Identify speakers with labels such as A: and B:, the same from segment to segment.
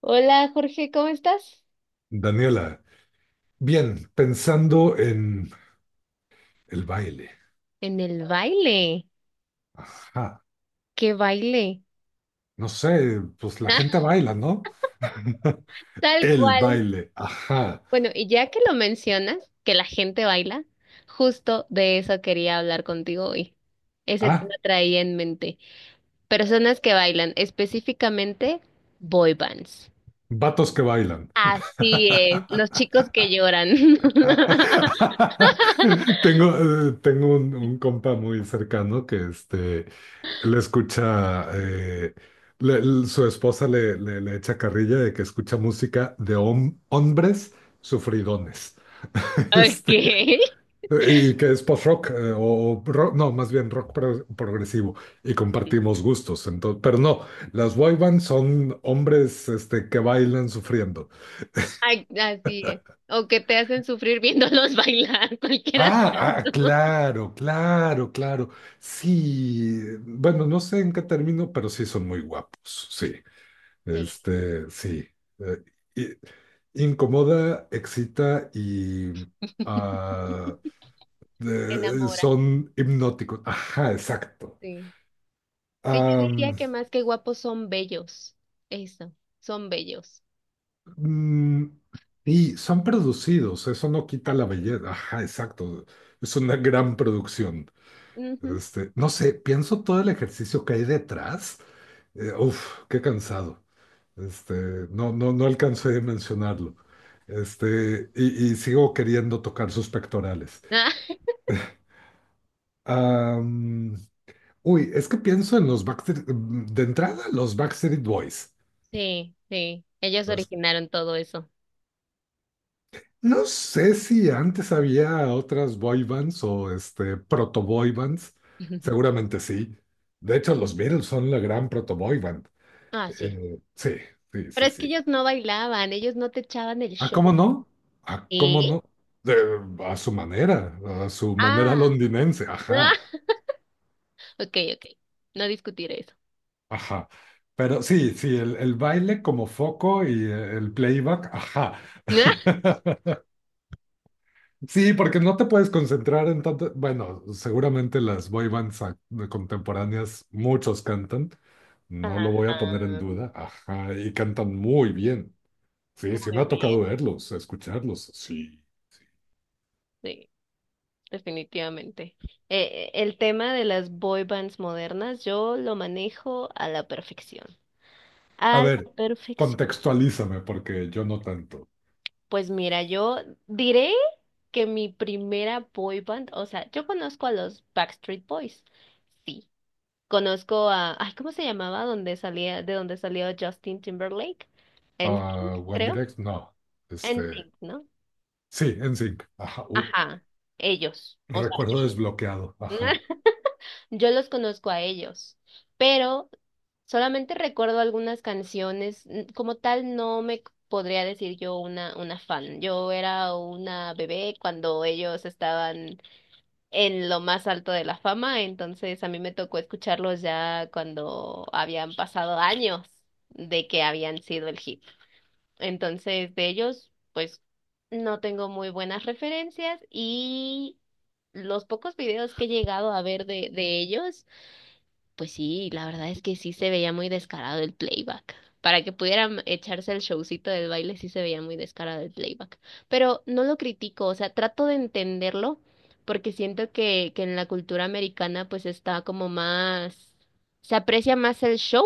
A: Hola Jorge, ¿cómo estás?
B: Daniela, bien, pensando en el baile.
A: En el baile.
B: Ajá.
A: ¿Qué baile?
B: No sé, pues la gente baila, ¿no?
A: Tal
B: El
A: cual.
B: baile. Ajá.
A: Bueno, y ya que lo mencionas, que la gente baila, justo de eso quería hablar contigo hoy. Ese tema
B: Ah,
A: traía en mente. Personas que bailan, específicamente boy bands.
B: vatos que bailan.
A: Así es. Los chicos que lloran.
B: Tengo, tengo un compa muy cercano que le escucha, su esposa le echa carrilla de que escucha música de hombres sufridones. Este,
A: Okay.
B: Y que es post-rock, o rock, no, más bien rock progresivo, y compartimos gustos. Entonces, pero no, las boy bands son hombres que bailan sufriendo.
A: Ay, así es. O que te hacen sufrir viéndolos bailar. Cualquiera.
B: Ah, ah, claro, claro, claro. Sí, bueno, no sé en qué término, pero sí son muy guapos, sí.
A: Sí.
B: Este, sí. Eh, i- incomoda, excita y ah,
A: Enamora.
B: son hipnóticos. Ajá, exacto.
A: Sí. Sí, yo diría que más que guapos son bellos. Eso, son bellos.
B: Mm, y son producidos, eso no quita la
A: Así.
B: belleza. Ajá, exacto. Es una gran producción.
A: Ujú.
B: Este, no sé, pienso todo el ejercicio que hay detrás. Uf, qué cansado. Este, no, no, no alcancé de mencionarlo. Y, y sigo queriendo tocar sus pectorales.
A: Ah,
B: Am, uy, es que pienso en los Backstreet, de entrada, los Backstreet Boys.
A: sí, sí. Ellos originaron todo eso.
B: No sé si antes había otras boy bands o este proto boy bands. Seguramente sí. De hecho, los Beatles son la gran proto boy band.
A: Ah, sí.
B: Sí, sí,
A: Pero
B: sí,
A: es que
B: sí.
A: ellos no bailaban, ellos no te echaban el
B: ¿Ah, cómo
A: show.
B: no? ¿Ah, cómo
A: ¿Eh?
B: no? De- a su manera, a su manera
A: Ah,
B: londinense.
A: ah,
B: Ajá,
A: ok, ok. No discutiré eso.
B: ajá. Pero sí, sí, el baile como foco y el playback, ajá. Sí, porque no te puedes concentrar en tanto. Bueno, seguramente las boy bands contemporáneas, muchos cantan, no lo voy a poner en
A: Ajá,
B: duda. Ajá, y cantan muy bien. Sí, sí me
A: muy
B: ha tocado
A: bien.
B: verlos, escucharlos. Sí, sí.
A: Sí, definitivamente. El tema de las boy bands modernas, yo lo manejo a la perfección.
B: A
A: A
B: ver,
A: la perfección.
B: contextualízame, porque yo no tanto.
A: Pues mira, yo diré que mi primera boy band, o sea, yo conozco a los Backstreet Boys. Sí, conozco a, ay, ¿cómo se llamaba? Donde salía, de donde salió Justin Timberlake.
B: Ah,
A: NSYNC,
B: One
A: creo.
B: Direct, no. Este,
A: NSYNC, ¿no?
B: sí, NSYNC. Ajá,
A: Ajá, ellos. O sea,
B: recuerdo
A: yo,
B: desbloqueado. Ajá,
A: yo los conozco a ellos, pero solamente recuerdo algunas canciones. Como tal, no me c- podría decir yo una fan. Yo era una bebé cuando ellos estaban en lo más alto de la fama, entonces a mí me tocó escucharlos ya cuando habían pasado años de que habían sido el hit. Entonces de ellos, pues no tengo muy buenas referencias, y los pocos videos que he llegado a ver de ellos, pues sí, la verdad es que sí se veía muy descarado el playback. Para que pudieran echarse el showcito del baile, sí se veía muy descarado el playback. Pero no lo critico, o sea, trato de entenderlo porque siento que en la cultura americana pues está como más, se aprecia más el show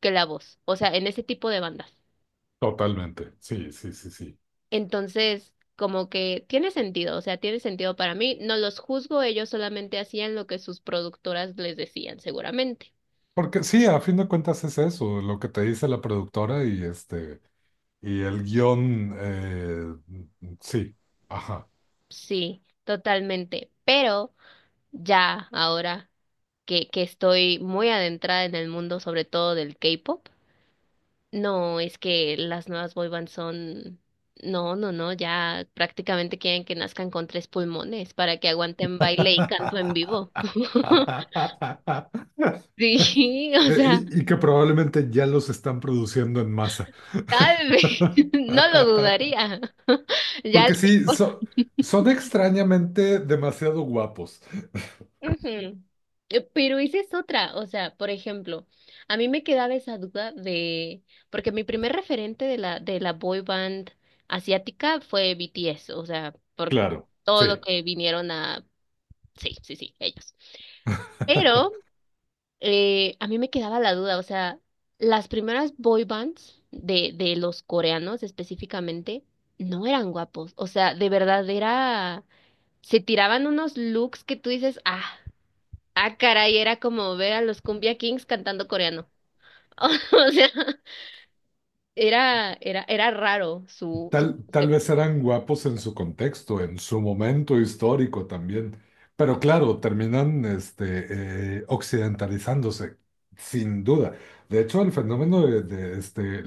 A: que la voz, o sea, en ese tipo de bandas.
B: totalmente. Sí, sí, sí, sí.
A: Entonces, como que tiene sentido, o sea, tiene sentido para mí, no los juzgo, ellos solamente hacían lo que sus productoras les decían, seguramente.
B: Porque sí, a fin de cuentas es eso, lo que te dice la productora y y el guión, sí, ajá.
A: Sí, totalmente. Pero ya ahora que estoy muy adentrada en el mundo, sobre todo del K-pop, no es que las nuevas boy bands son, no, no, no, ya prácticamente quieren que nazcan con tres pulmones para que aguanten baile y canto en vivo. Sí, o sea,
B: Eh, y, y que probablemente ya los están produciendo en masa.
A: tal vez, no lo dudaría. Ya le.
B: Porque sí, son extrañamente demasiado guapos.
A: Ujú. Pero esa es otra, o sea, por ejemplo, a mí me quedaba esa duda de, porque mi primer referente de la boy band asiática fue BTS, o sea, por
B: Claro,
A: todo lo
B: sí.
A: que vinieron a, sí, sí, sí, ellos. Pero a mí me quedaba la duda, o sea, las primeras boy bands de los coreanos específicamente no eran guapos, o sea, de verdad era, se tiraban unos looks que tú dices, ah, ah, caray, era como ver a los Cumbia Kings cantando coreano. O sea, era, era, era raro su, su
B: Tal
A: concepto.
B: vez eran guapos en su contexto, en su momento histórico también, pero claro, terminan occidentalizándose, sin duda. De hecho, el fenómeno de,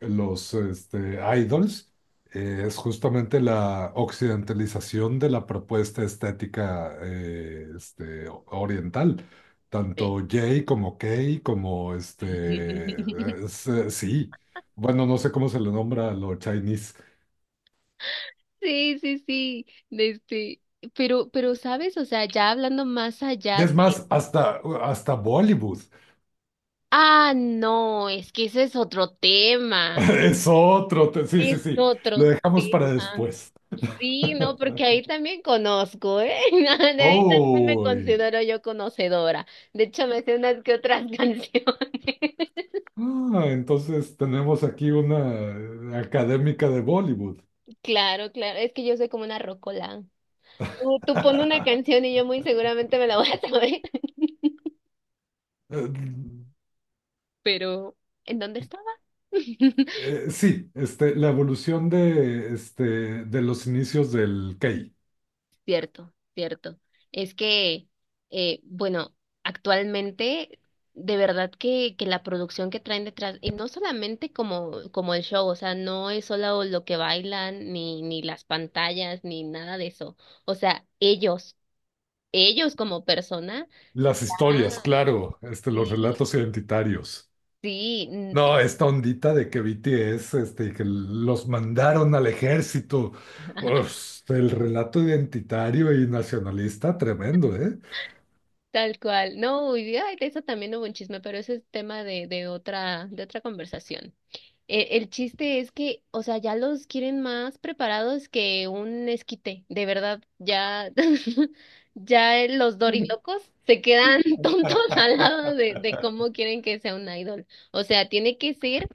B: los idols es justamente la occidentalización de la propuesta estética oriental. Tanto J como K como sí. Bueno, no sé cómo se le nombra a lo Chinese.
A: Sí, sí, sí, de este, pero, ¿sabes? O sea, ya hablando más
B: Y
A: allá
B: es
A: de,
B: más, hasta, hasta Bollywood.
A: ah, no, es que ese es otro tema,
B: Es otro. Sí, sí,
A: es
B: sí. Lo
A: otro
B: dejamos para
A: tema.
B: después.
A: Sí, no, porque ahí también conozco, ¿eh? De ahí también me
B: Oh.
A: considero yo conocedora. De hecho, me sé unas que otras canciones.
B: Ah, entonces tenemos aquí una académica de Bollywood.
A: Claro, claro, es que yo soy como una rocola. Tú pon una canción y yo muy seguramente me la voy a saber.
B: Eh,
A: Pero, ¿en dónde estaba?
B: sí, la evolución de, de los inicios del Kei.
A: Cierto, cierto. Es que, bueno, actualmente, de verdad que la producción que traen detrás, y no solamente como, como el show, o sea, no es solo lo que bailan, ni, ni las pantallas, ni nada de eso. O sea, ellos como persona,
B: Las historias,
A: ah,
B: claro, los
A: sí,
B: relatos identitarios.
A: sí, n-.
B: No, esta ondita de que BTS, y que los mandaron al ejército. Uf, el relato identitario y nacionalista, tremendo, ¿eh?
A: Tal cual. No, y ay, de eso también hubo un chisme, pero ese es tema de otra conversación. El chiste es que, o sea, ya los quieren más preparados que un esquite. De verdad, ya, ya los dorilocos se quedan tontos al lado de cómo quieren que sea un idol. O sea, tiene que ser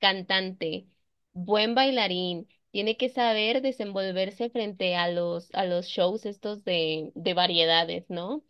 A: cantante, buen bailarín. Tiene que saber desenvolverse frente a los shows estos de variedades, ¿no?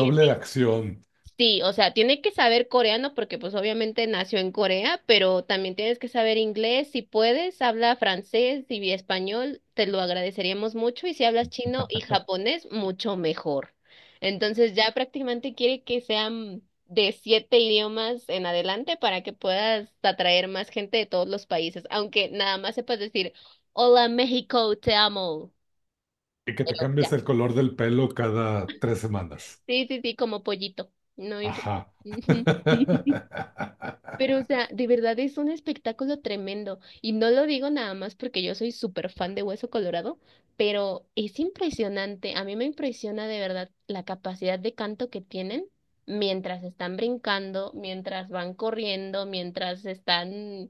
B: Doble de acción
A: Sí, o sea, tiene que saber coreano porque pues obviamente nació en Corea, pero también tienes que saber inglés, si puedes, habla francés y español, te lo agradeceríamos mucho, y si hablas chino y japonés, mucho mejor. Entonces ya prácticamente quiere que sean de 7 idiomas en adelante para que puedas atraer más gente de todos los países, aunque nada más sepas decir, hola México, te amo.
B: y que te
A: Pero ya,
B: cambies el color del pelo cada 3 semanas.
A: sí, sí, sí, como pollito, no importa.
B: Ajá.
A: Pero, o sea, de verdad es un espectáculo tremendo. Y no lo digo nada más porque yo soy súper fan de Hueso Colorado, pero es impresionante. A mí me impresiona de verdad la capacidad de canto que tienen mientras están brincando, mientras van corriendo, mientras están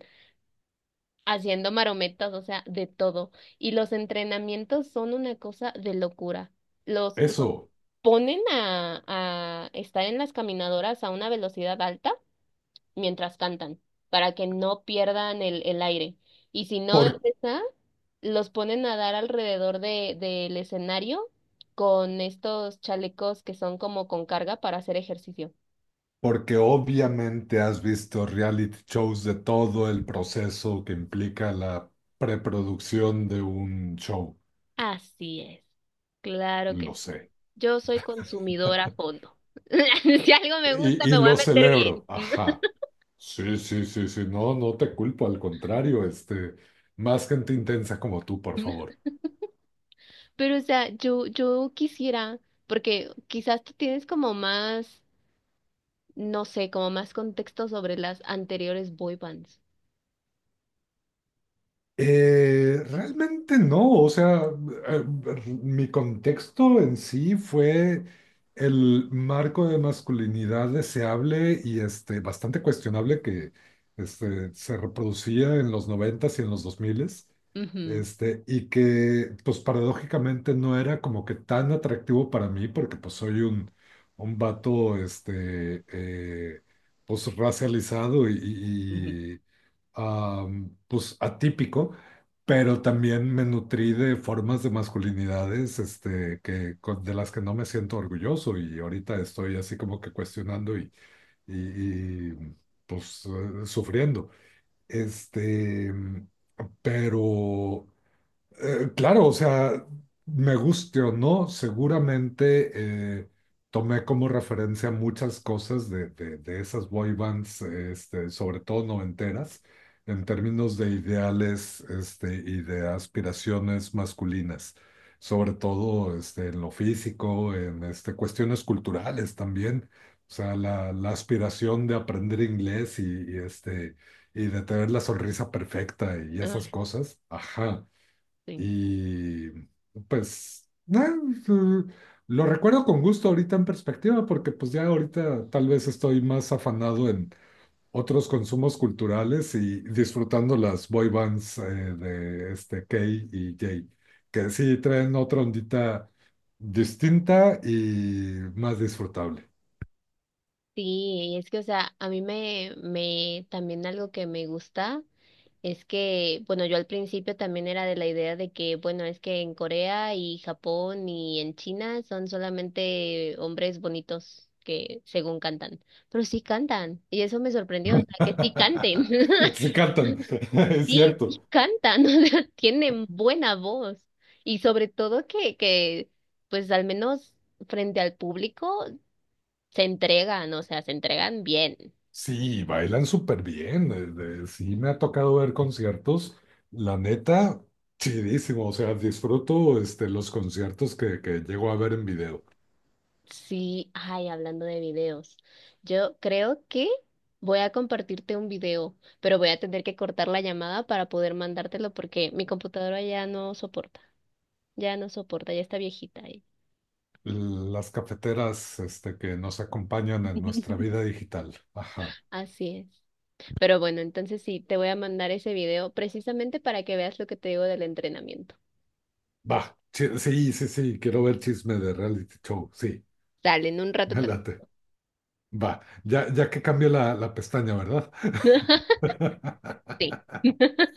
A: haciendo marometas, o sea, de todo. Y los entrenamientos son una cosa de locura. Los
B: Eso,
A: ponen a estar en las caminadoras a una velocidad alta mientras cantan, para que no pierdan el aire. Y si no es
B: por-
A: esa, los ponen a dar alrededor de, del escenario con estos chalecos que son como con carga para hacer ejercicio.
B: porque obviamente has visto reality shows de todo el proceso que implica la preproducción de un show,
A: Así es, claro
B: lo
A: que
B: sé.
A: yo soy consumidora a fondo. Si algo me gusta,
B: Y
A: me voy a
B: lo
A: meter
B: celebro,
A: bien.
B: ajá. Sí, sí, sí, sí, no, no te culpo, al contrario, más gente intensa como tú, por favor.
A: Pero, o sea, yo quisiera, porque quizás tú tienes como más, no sé, como más contexto sobre las anteriores boy bands.
B: Realmente no, o sea, eh, mi contexto en sí fue el marco de masculinidad deseable y bastante cuestionable que se reproducía en los noventas y en los dos miles,
A: Ujú.
B: y que pues paradójicamente no era como que tan atractivo para mí porque pues soy un vato pues racializado y,
A: Ujú.
B: y- pues atípico, pero también me nutrí de formas de masculinidades que, de las que no me siento orgulloso y ahorita estoy así como que cuestionando y, pues sufriendo. Este, pero claro, o sea, me guste o no, seguramente tomé como referencia muchas cosas de, de esas boy bands, sobre todo noventeras, en términos de ideales, y de aspiraciones masculinas, sobre todo, en lo físico, en, cuestiones culturales también, o sea, la aspiración de aprender inglés y, y de tener la sonrisa perfecta y
A: Ah,
B: esas cosas, ajá.
A: sí.
B: Y pues nah, lo recuerdo con gusto ahorita en perspectiva, porque pues ya ahorita tal vez estoy más afanado en otros consumos culturales y disfrutando las boy bands de este K y J, que sí traen otra ondita distinta y más disfrutable.
A: Sí, es que, o sea, a mí me, me, también algo que me gusta es que, bueno, yo al principio también era de la idea de que, bueno, es que en Corea y Japón y en China son solamente hombres bonitos que según cantan, pero sí cantan, y eso me sorprendió, o sea, que sí canten,
B: Sí cantan, es
A: sí, sí
B: cierto.
A: cantan, o sea, tienen buena voz, y sobre todo pues al menos frente al público se entregan, o sea, se entregan bien.
B: Sí, bailan súper bien. Sí, me ha tocado ver conciertos. La neta, chidísimo. O sea, disfruto los conciertos que llego a ver en video.
A: Sí, ay, hablando de videos, yo creo que voy a compartirte un video, pero voy a tener que cortar la llamada para poder mandártelo porque mi computadora ya no soporta, ya no soporta, ya está viejita ahí.
B: Las cafeteras que nos acompañan en nuestra vida digital. Ajá.
A: Así es. Pero bueno, entonces sí, te voy a mandar ese video precisamente para que veas lo que te digo del entrenamiento.
B: Va. Sí, sí, sí. Quiero ver chisme de reality show. Sí,
A: Dale, en un rato
B: me
A: también.
B: late. Va. Ya, ya que cambié la pestaña, ¿verdad?
A: Sí.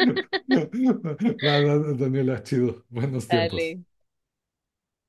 B: Va, va, Daniela, chido. Buenos
A: Dale.
B: tiempos.